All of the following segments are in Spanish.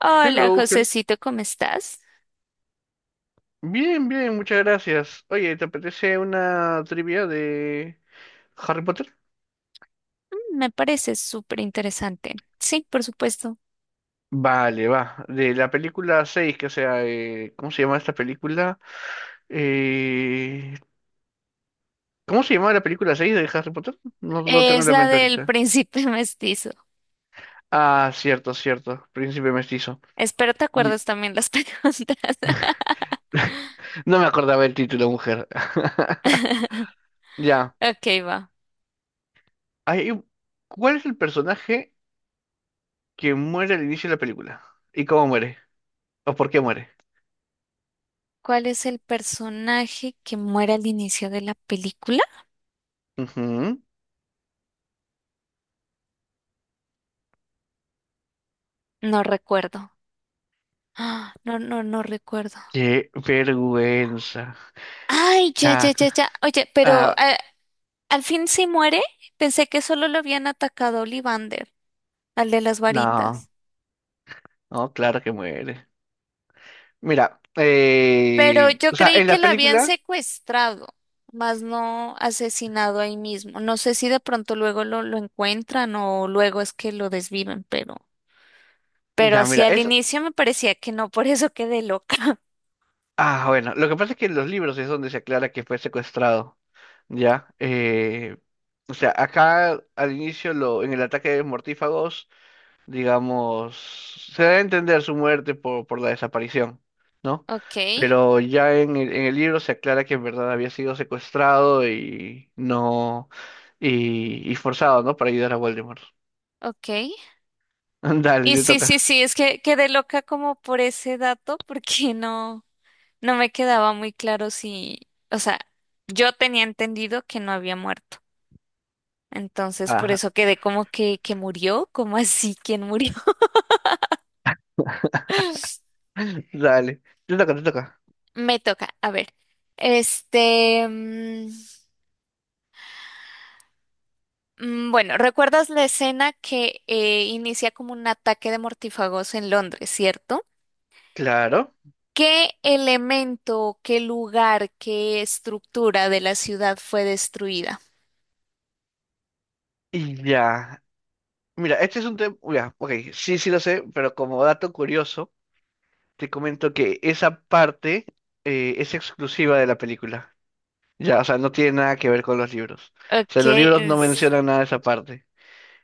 Hola, Hello, hel- Josecito, ¿cómo estás? Bien, bien, muchas gracias. Oye, ¿te apetece una trivia de Harry Potter? Me parece súper interesante. Sí, por supuesto. Vale, va. De la película 6, que sea, ¿cómo se llama esta película? Eh, ¿Cómo se llama la película 6 de Harry Potter? No lo tengo Es en la la mente del ahorita. príncipe mestizo. Ah, cierto, cierto. Príncipe mestizo. Espero te Y- acuerdes también las preguntas. No me acordaba el título, mujer. Ya. Ok, va. Hay un- ¿Cuál es el personaje que muere al inicio de la película? ¿Y cómo muere? ¿O por qué muere? ¿Cuál es el personaje que muere al inicio de la película? Ujú. No recuerdo. Ah, no, no, no recuerdo. Qué vergüenza. Ay, ya, Ah, ya, ya, ya. Oye, pero ah, al fin sí muere. Pensé que solo lo habían atacado a Ollivander, al de las no, varitas. no, claro que muere. Mira, Pero yo o sea, creí en que la la habían película, secuestrado, más no asesinado ahí mismo. No sé si de pronto luego lo encuentran o luego es que lo desviven, pero ya, mira, hacia el es, inicio me parecía que no, por eso quedé loca. Bueno, lo que pasa es que en los libros es donde se aclara que fue secuestrado, ya, o sea, acá al inicio, en el ataque de mortífagos, digamos, se da a entender su muerte por la desaparición, ¿no? Ok, Pero ya en el libro se aclara que en verdad había sido secuestrado y no. Y forzado, ¿no? Para ayudar a Voldemort. ok. Dale, Y te sí, sí, toca. sí, es que quedé loca como por ese dato, porque no, no me quedaba muy claro si, o sea, yo tenía entendido que no había muerto. Entonces, por eso Ajá, quedé como que murió, como así, ¿quién murió? dale. Te toca, te toca. Me toca, a ver. Este, mm, bueno, ¿recuerdas la escena que inicia como un ataque de mortífagos en Londres, ¿cierto? Claro. ¿Qué elemento, qué lugar, qué estructura de la ciudad fue destruida? Y ya. Mira, este es un tema. Ya, ok. Sí, sí lo sé, pero como dato curioso, te comento que esa parte es exclusiva de la película. Ya, o sea, no tiene nada que ver con los libros. O sea, Ok, los libros no es- mencionan nada de esa parte.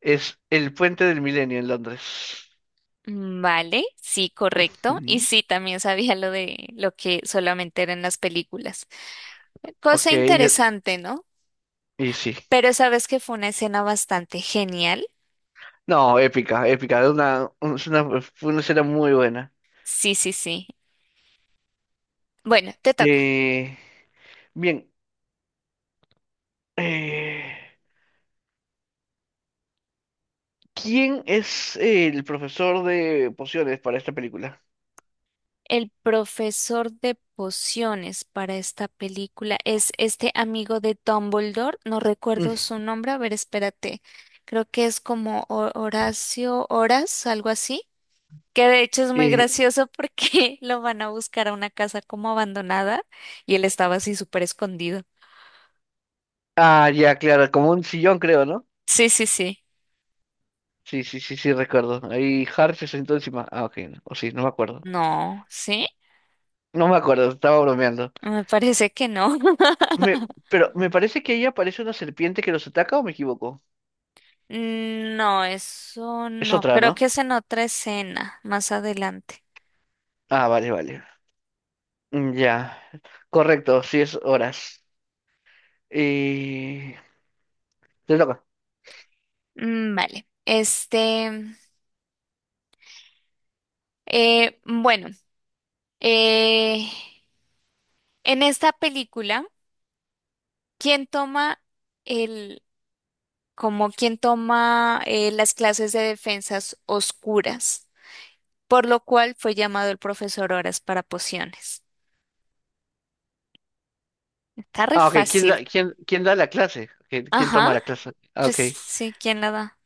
Es el Puente del Milenio en Londres. Vale, sí, correcto. Y Ujú. sí, también sabía lo de lo que solamente era en las películas. Cosa Ok, ya- interesante, ¿no? y sí. Pero sabes que fue una escena bastante genial. No, épica, épica. Una, un- es una, fue una escena muy buena. Sí, sí, sí. Bueno, te toca. Eh, bien, eh, ¿quién es el profesor de pociones para esta película? El profesor de pociones para esta película es este amigo de Dumbledore. No recuerdo Mm, su nombre. A ver, espérate. Creo que es como Horacio Horas, algo así. Que de hecho es muy eh, gracioso porque lo van a buscar a una casa como abandonada y él estaba así súper escondido. Ya, claro, como un sillón creo, ¿no? Sí, sí, sí. Sí, sí, sí, sí, recuerdo. Ahí Harry se sentó encima. Ah, ok, no, o sí, no me acuerdo. No, ¿sí? No me acuerdo, estaba bromeando. Me parece que no. Me- pero me parece que ahí aparece una serpiente que los ataca o me equivoco. No, eso Es no. otra, Creo ¿no? que es en otra escena, más adelante. Ah, vale, vale. Ya, correcto, sí es Horas. Eh, Te toca. Mm, vale. Bueno, eh, en esta película, ¿quién toma el, como quién toma las clases de defensas oscuras? Por lo cual fue llamado el profesor Horas para pociones. Está re Ah, ok, ¿quién fácil. da, quién da la clase? Ok, ¿Quién Ajá, toma la clase? Ah, pues ok, sí, ¿quién la da?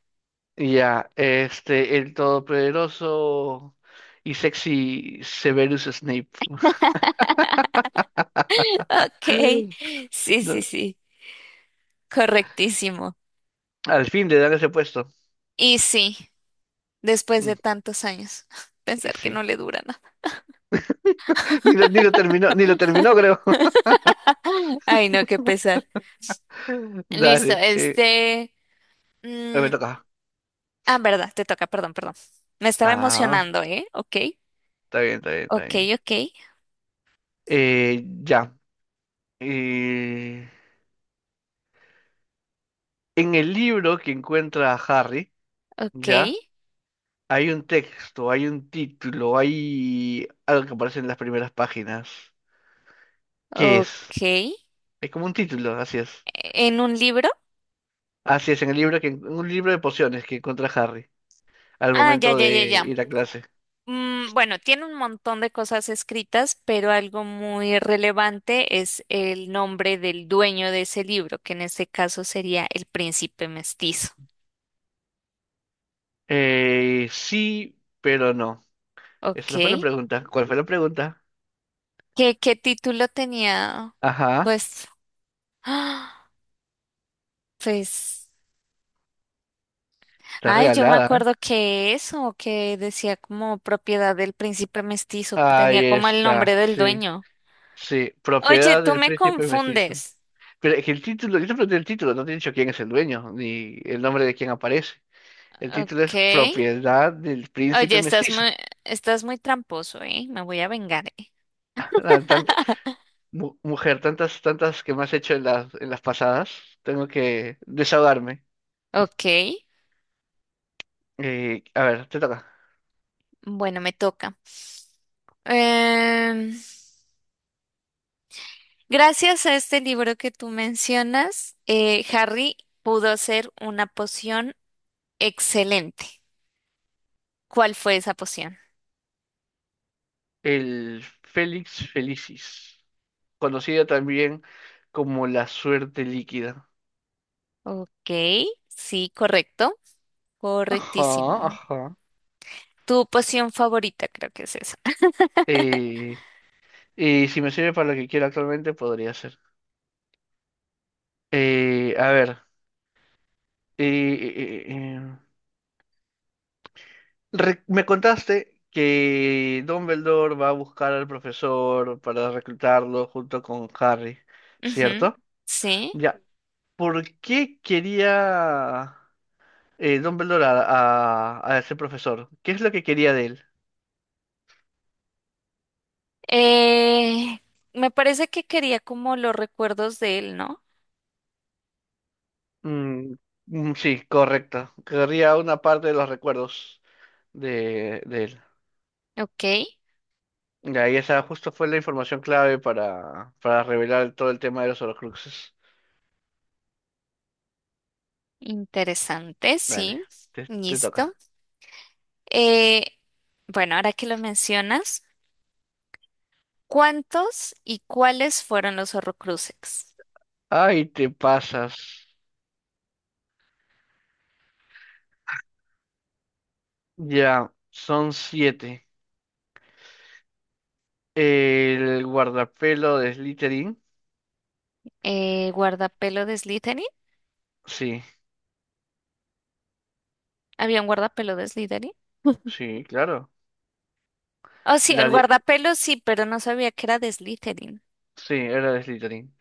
ya, este, el todopoderoso y sexy Severus Snape. Ok, sí, No, sí, sí, correctísimo. al fin le dan ese puesto. Y sí, después de Mm, tantos años, y pensar que sí. no le dura nada. Ni lo terminó, ni lo terminó, creo. Ay, no, qué pesar. Listo, Dale, este... mm, me toca. ah, verdad, te toca, perdón, perdón. Me estaba Ah, emocionando, ¿eh? Ok, está bien, está bien, está ok, bien. ok, Ya. Eh, en el libro que encuentra a Harry, ok, ya. Hay un texto, hay un título, hay algo que aparece en las primeras páginas. ¿Qué ok. es? E, Es como un título, así es. ¿en un libro? Así es, en un libro de pociones que encuentra Harry al Ah, ya, momento ya, de ya, ya. ir a clase. Mm, bueno, tiene un montón de cosas escritas, pero algo muy relevante es el nombre del dueño de ese libro, que en este caso sería El Príncipe Mestizo. Sí, pero no. Esa Ok. no fue la pregunta. ¿Cuál fue la pregunta? ¿Qué, qué título tenía? Ajá, Pues, ¡ah! Pues. está Ay, yo me regalada. acuerdo que eso, que decía como propiedad del príncipe mestizo, Ahí tenía como el nombre está, del sí, dueño. sí. Oye, Propiedad tú del me príncipe mestizo. confundes. Pero es que el título, yo te pregunté el título, no te he dicho quién es el dueño, ni el nombre de quién aparece. El título es Ok. Propiedad del Oye, Príncipe Mestizo. Estás muy tramposo, ¿eh? Me voy a vengar, ¿eh? Ah, mujer, tantas, tantas que me has hecho en las pasadas. Tengo que desahogarme. Ok. A ver, te toca. Bueno, me toca. Em, gracias a este libro que tú mencionas, Harry pudo hacer una poción excelente. ¿Cuál fue esa poción? El Félix Felicis, conocida también como la suerte líquida. Ok, sí, correcto. Ajá, Correctísimo. ajá. Tu poción favorita, creo que es esa. Eh, y si me sirve para lo que quiero actualmente, podría ser. A ver. eh, eh, eh, eh, me contaste que Dumbledore va a buscar al profesor para reclutarlo junto con Harry, Ujú, ¿cierto? sí. Ya. ¿Por qué quería Dumbledore a ese profesor? ¿Qué es lo que quería de él? Eh, me parece que quería como los recuerdos de él, ¿no? Mm, mm, sí, correcto. Querría una parte de los recuerdos de él. Ok, Ya, y esa justo fue la información clave para revelar todo el tema de los Horcruxes. interesante, Dale, sí. te Listo. toca. Eh, bueno, ahora que lo mencionas, ¿cuántos y cuáles fueron los Horrocruxes? Ay, te pasas. Ya, son siete. El guardapelo de Slytherin. ¿Guardapelo de Slytherin? Sí, ¿Había un guardapelo de Slytherin? sí, claro. Oh, sí, La el dia- guardapelo sí, pero no sabía que era de Slytherin. sí, era de Slytherin.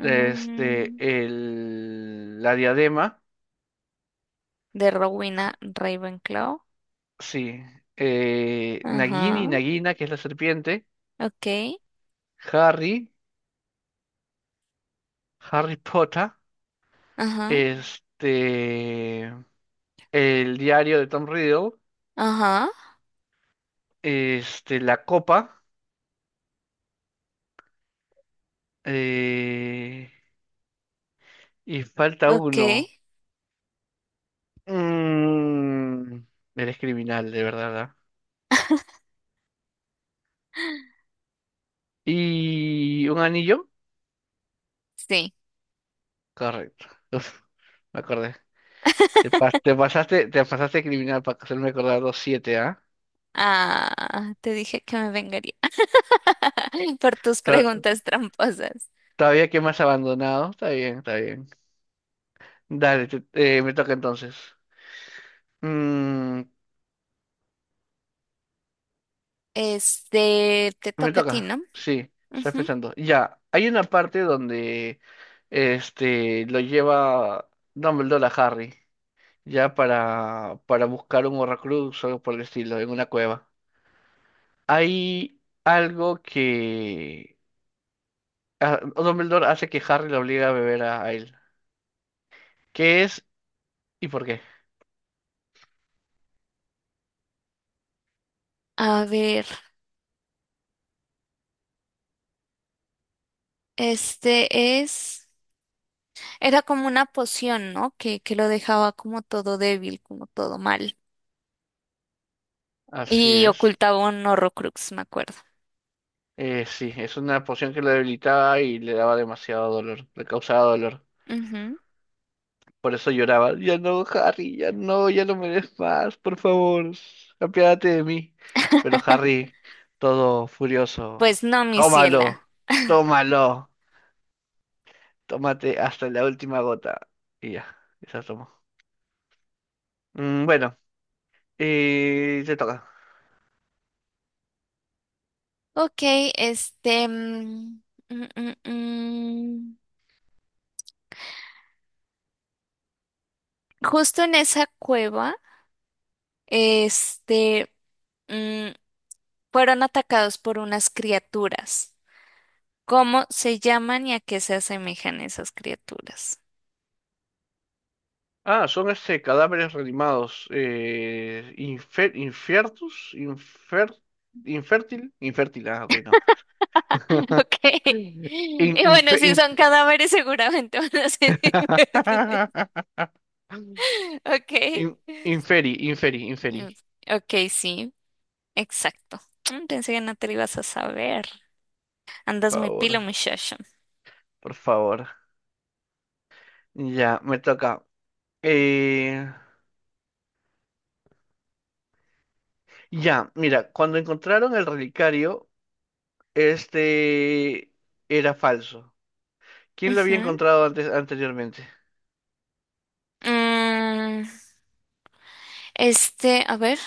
Este, la diadema. de Rowena Ravenclaw. Sí. Nagini, Ajá, Nagina, que es la serpiente. ok, Harry, Harry Potter. ajá, Este, el diario de Tom Riddle. ajá, Este, la copa. eh, y falta ok, uno. Mm, eres criminal, de verdad, ¿verdad? ¿Y un anillo? sí. Correcto. Uf, me acordé. Te pasaste, te pasaste criminal para hacerme acordar los siete, ¿ah? Ah, te dije que me vengaría por tus To- preguntas tramposas. Todavía que más abandonado. Está bien, está bien. Dale, me toca entonces. Mm, Este, te me toca a ti, toca. ¿no? Sí, estoy Ujú. pensando. Ya, hay una parte donde este lo lleva Dumbledore a Harry. Ya para buscar un Horrocrux o algo por el estilo, en una cueva. Hay algo que Dumbledore hace que Harry lo obliga a beber a él. ¿Qué es y por qué? A ver, este es, era como una poción, ¿no? Que lo dejaba como todo débil, como todo mal. Así Y es. ocultaba un Horrocrux, me acuerdo. Sí, es una poción que lo debilitaba y le daba demasiado dolor, le causaba dolor. Ujú. Por eso lloraba. Ya no, Harry, ya no, ya no me des más, por favor. Apiádate de mí. Pero Harry, todo Pues furioso, no, mi ciela. tómalo, tómalo. Tómate hasta la última gota. Y ya, esa tomo. Bueno, te toca. Ok, este... mm, mm, mm. Justo en esa cueva, este, mm, fueron atacados por unas criaturas. ¿Cómo se llaman y a qué se asemejan esas criaturas? Ah, son este cadáveres reanimados. Infiertus, infértil, infértil, ok, no. Ok. In- Y bueno, infe- si son inf- cadáveres, seguramente van a ser invertibles. Ok. In- inferi, inferi, Mm, inferi. Ok, sí, exacto. Pensé que no te lo ibas a saber. Andas Por muy pilo, favor, muchacho. por favor. Ya, me toca. Eh, ya, mira, cuando encontraron el relicario. Este era falso. ¿Quién lo había Ujú. encontrado antes, anteriormente? Mm, este, a ver.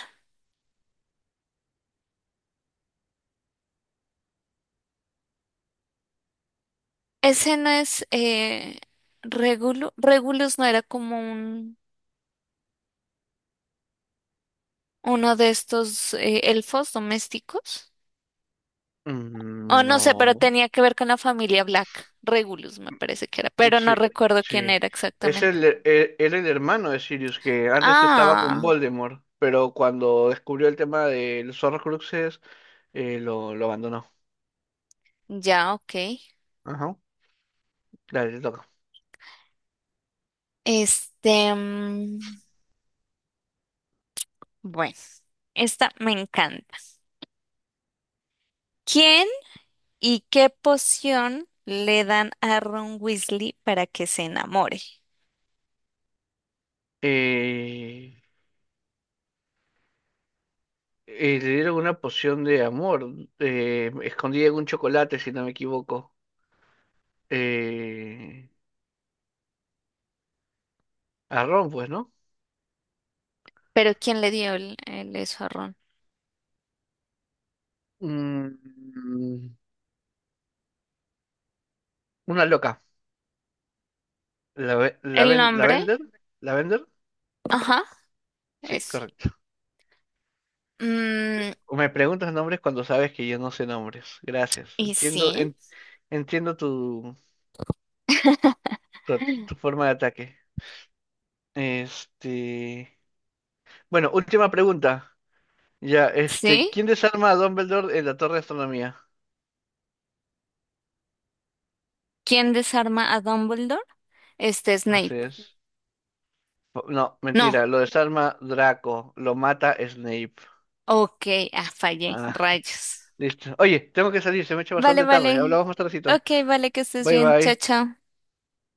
Ese no es Regulus. Regulus no era como un, uno de estos elfos domésticos. O Mm, no sé, pero no. tenía que ver con la familia Black. Regulus me parece que era, pero no Sí, recuerdo quién sí. era Es exactamente. el, e- e, era el hermano de Sirius, que antes estaba con Ah, Voldemort, pero cuando descubrió el tema de los horrocruxes, lo abandonó. ya, ok. Ajá. Dale, te toca. Este, mm, bueno, esta me encanta. ¿Quién y qué poción le dan a Ron Weasley para que se enamore? Eh, Le dieron una poción de amor, escondida en un chocolate, si no me equivoco. Eh, a Ron, pues, ¿no? Pero ¿quién le dio el eso a Ron? Mm, Una loca. La, ve- la, ¿El ven- la nombre? vender. La vender. Ajá, Sí, eso. correcto. Mm, Me preguntas nombres cuando sabes que yo no sé nombres. Gracias. y Entiendo, sí, entiendo tu, tu forma de ataque. Este. Bueno, última pregunta. Ya, este, sí. ¿quién desarma a Dumbledore en la Torre de Astronomía? ¿Quién desarma a Dumbledore? Este Así Snape. es. No, No, mentira, lo desarma Draco, lo mata Snape. ok, ah, fallé, Ah, rayos. listo. Oye, tengo que salir, se me ha hecho Vale, bastante tarde. vale. Hablamos más tardecito. Ok, vale, que estés Bye bien. Chao, bye. chao.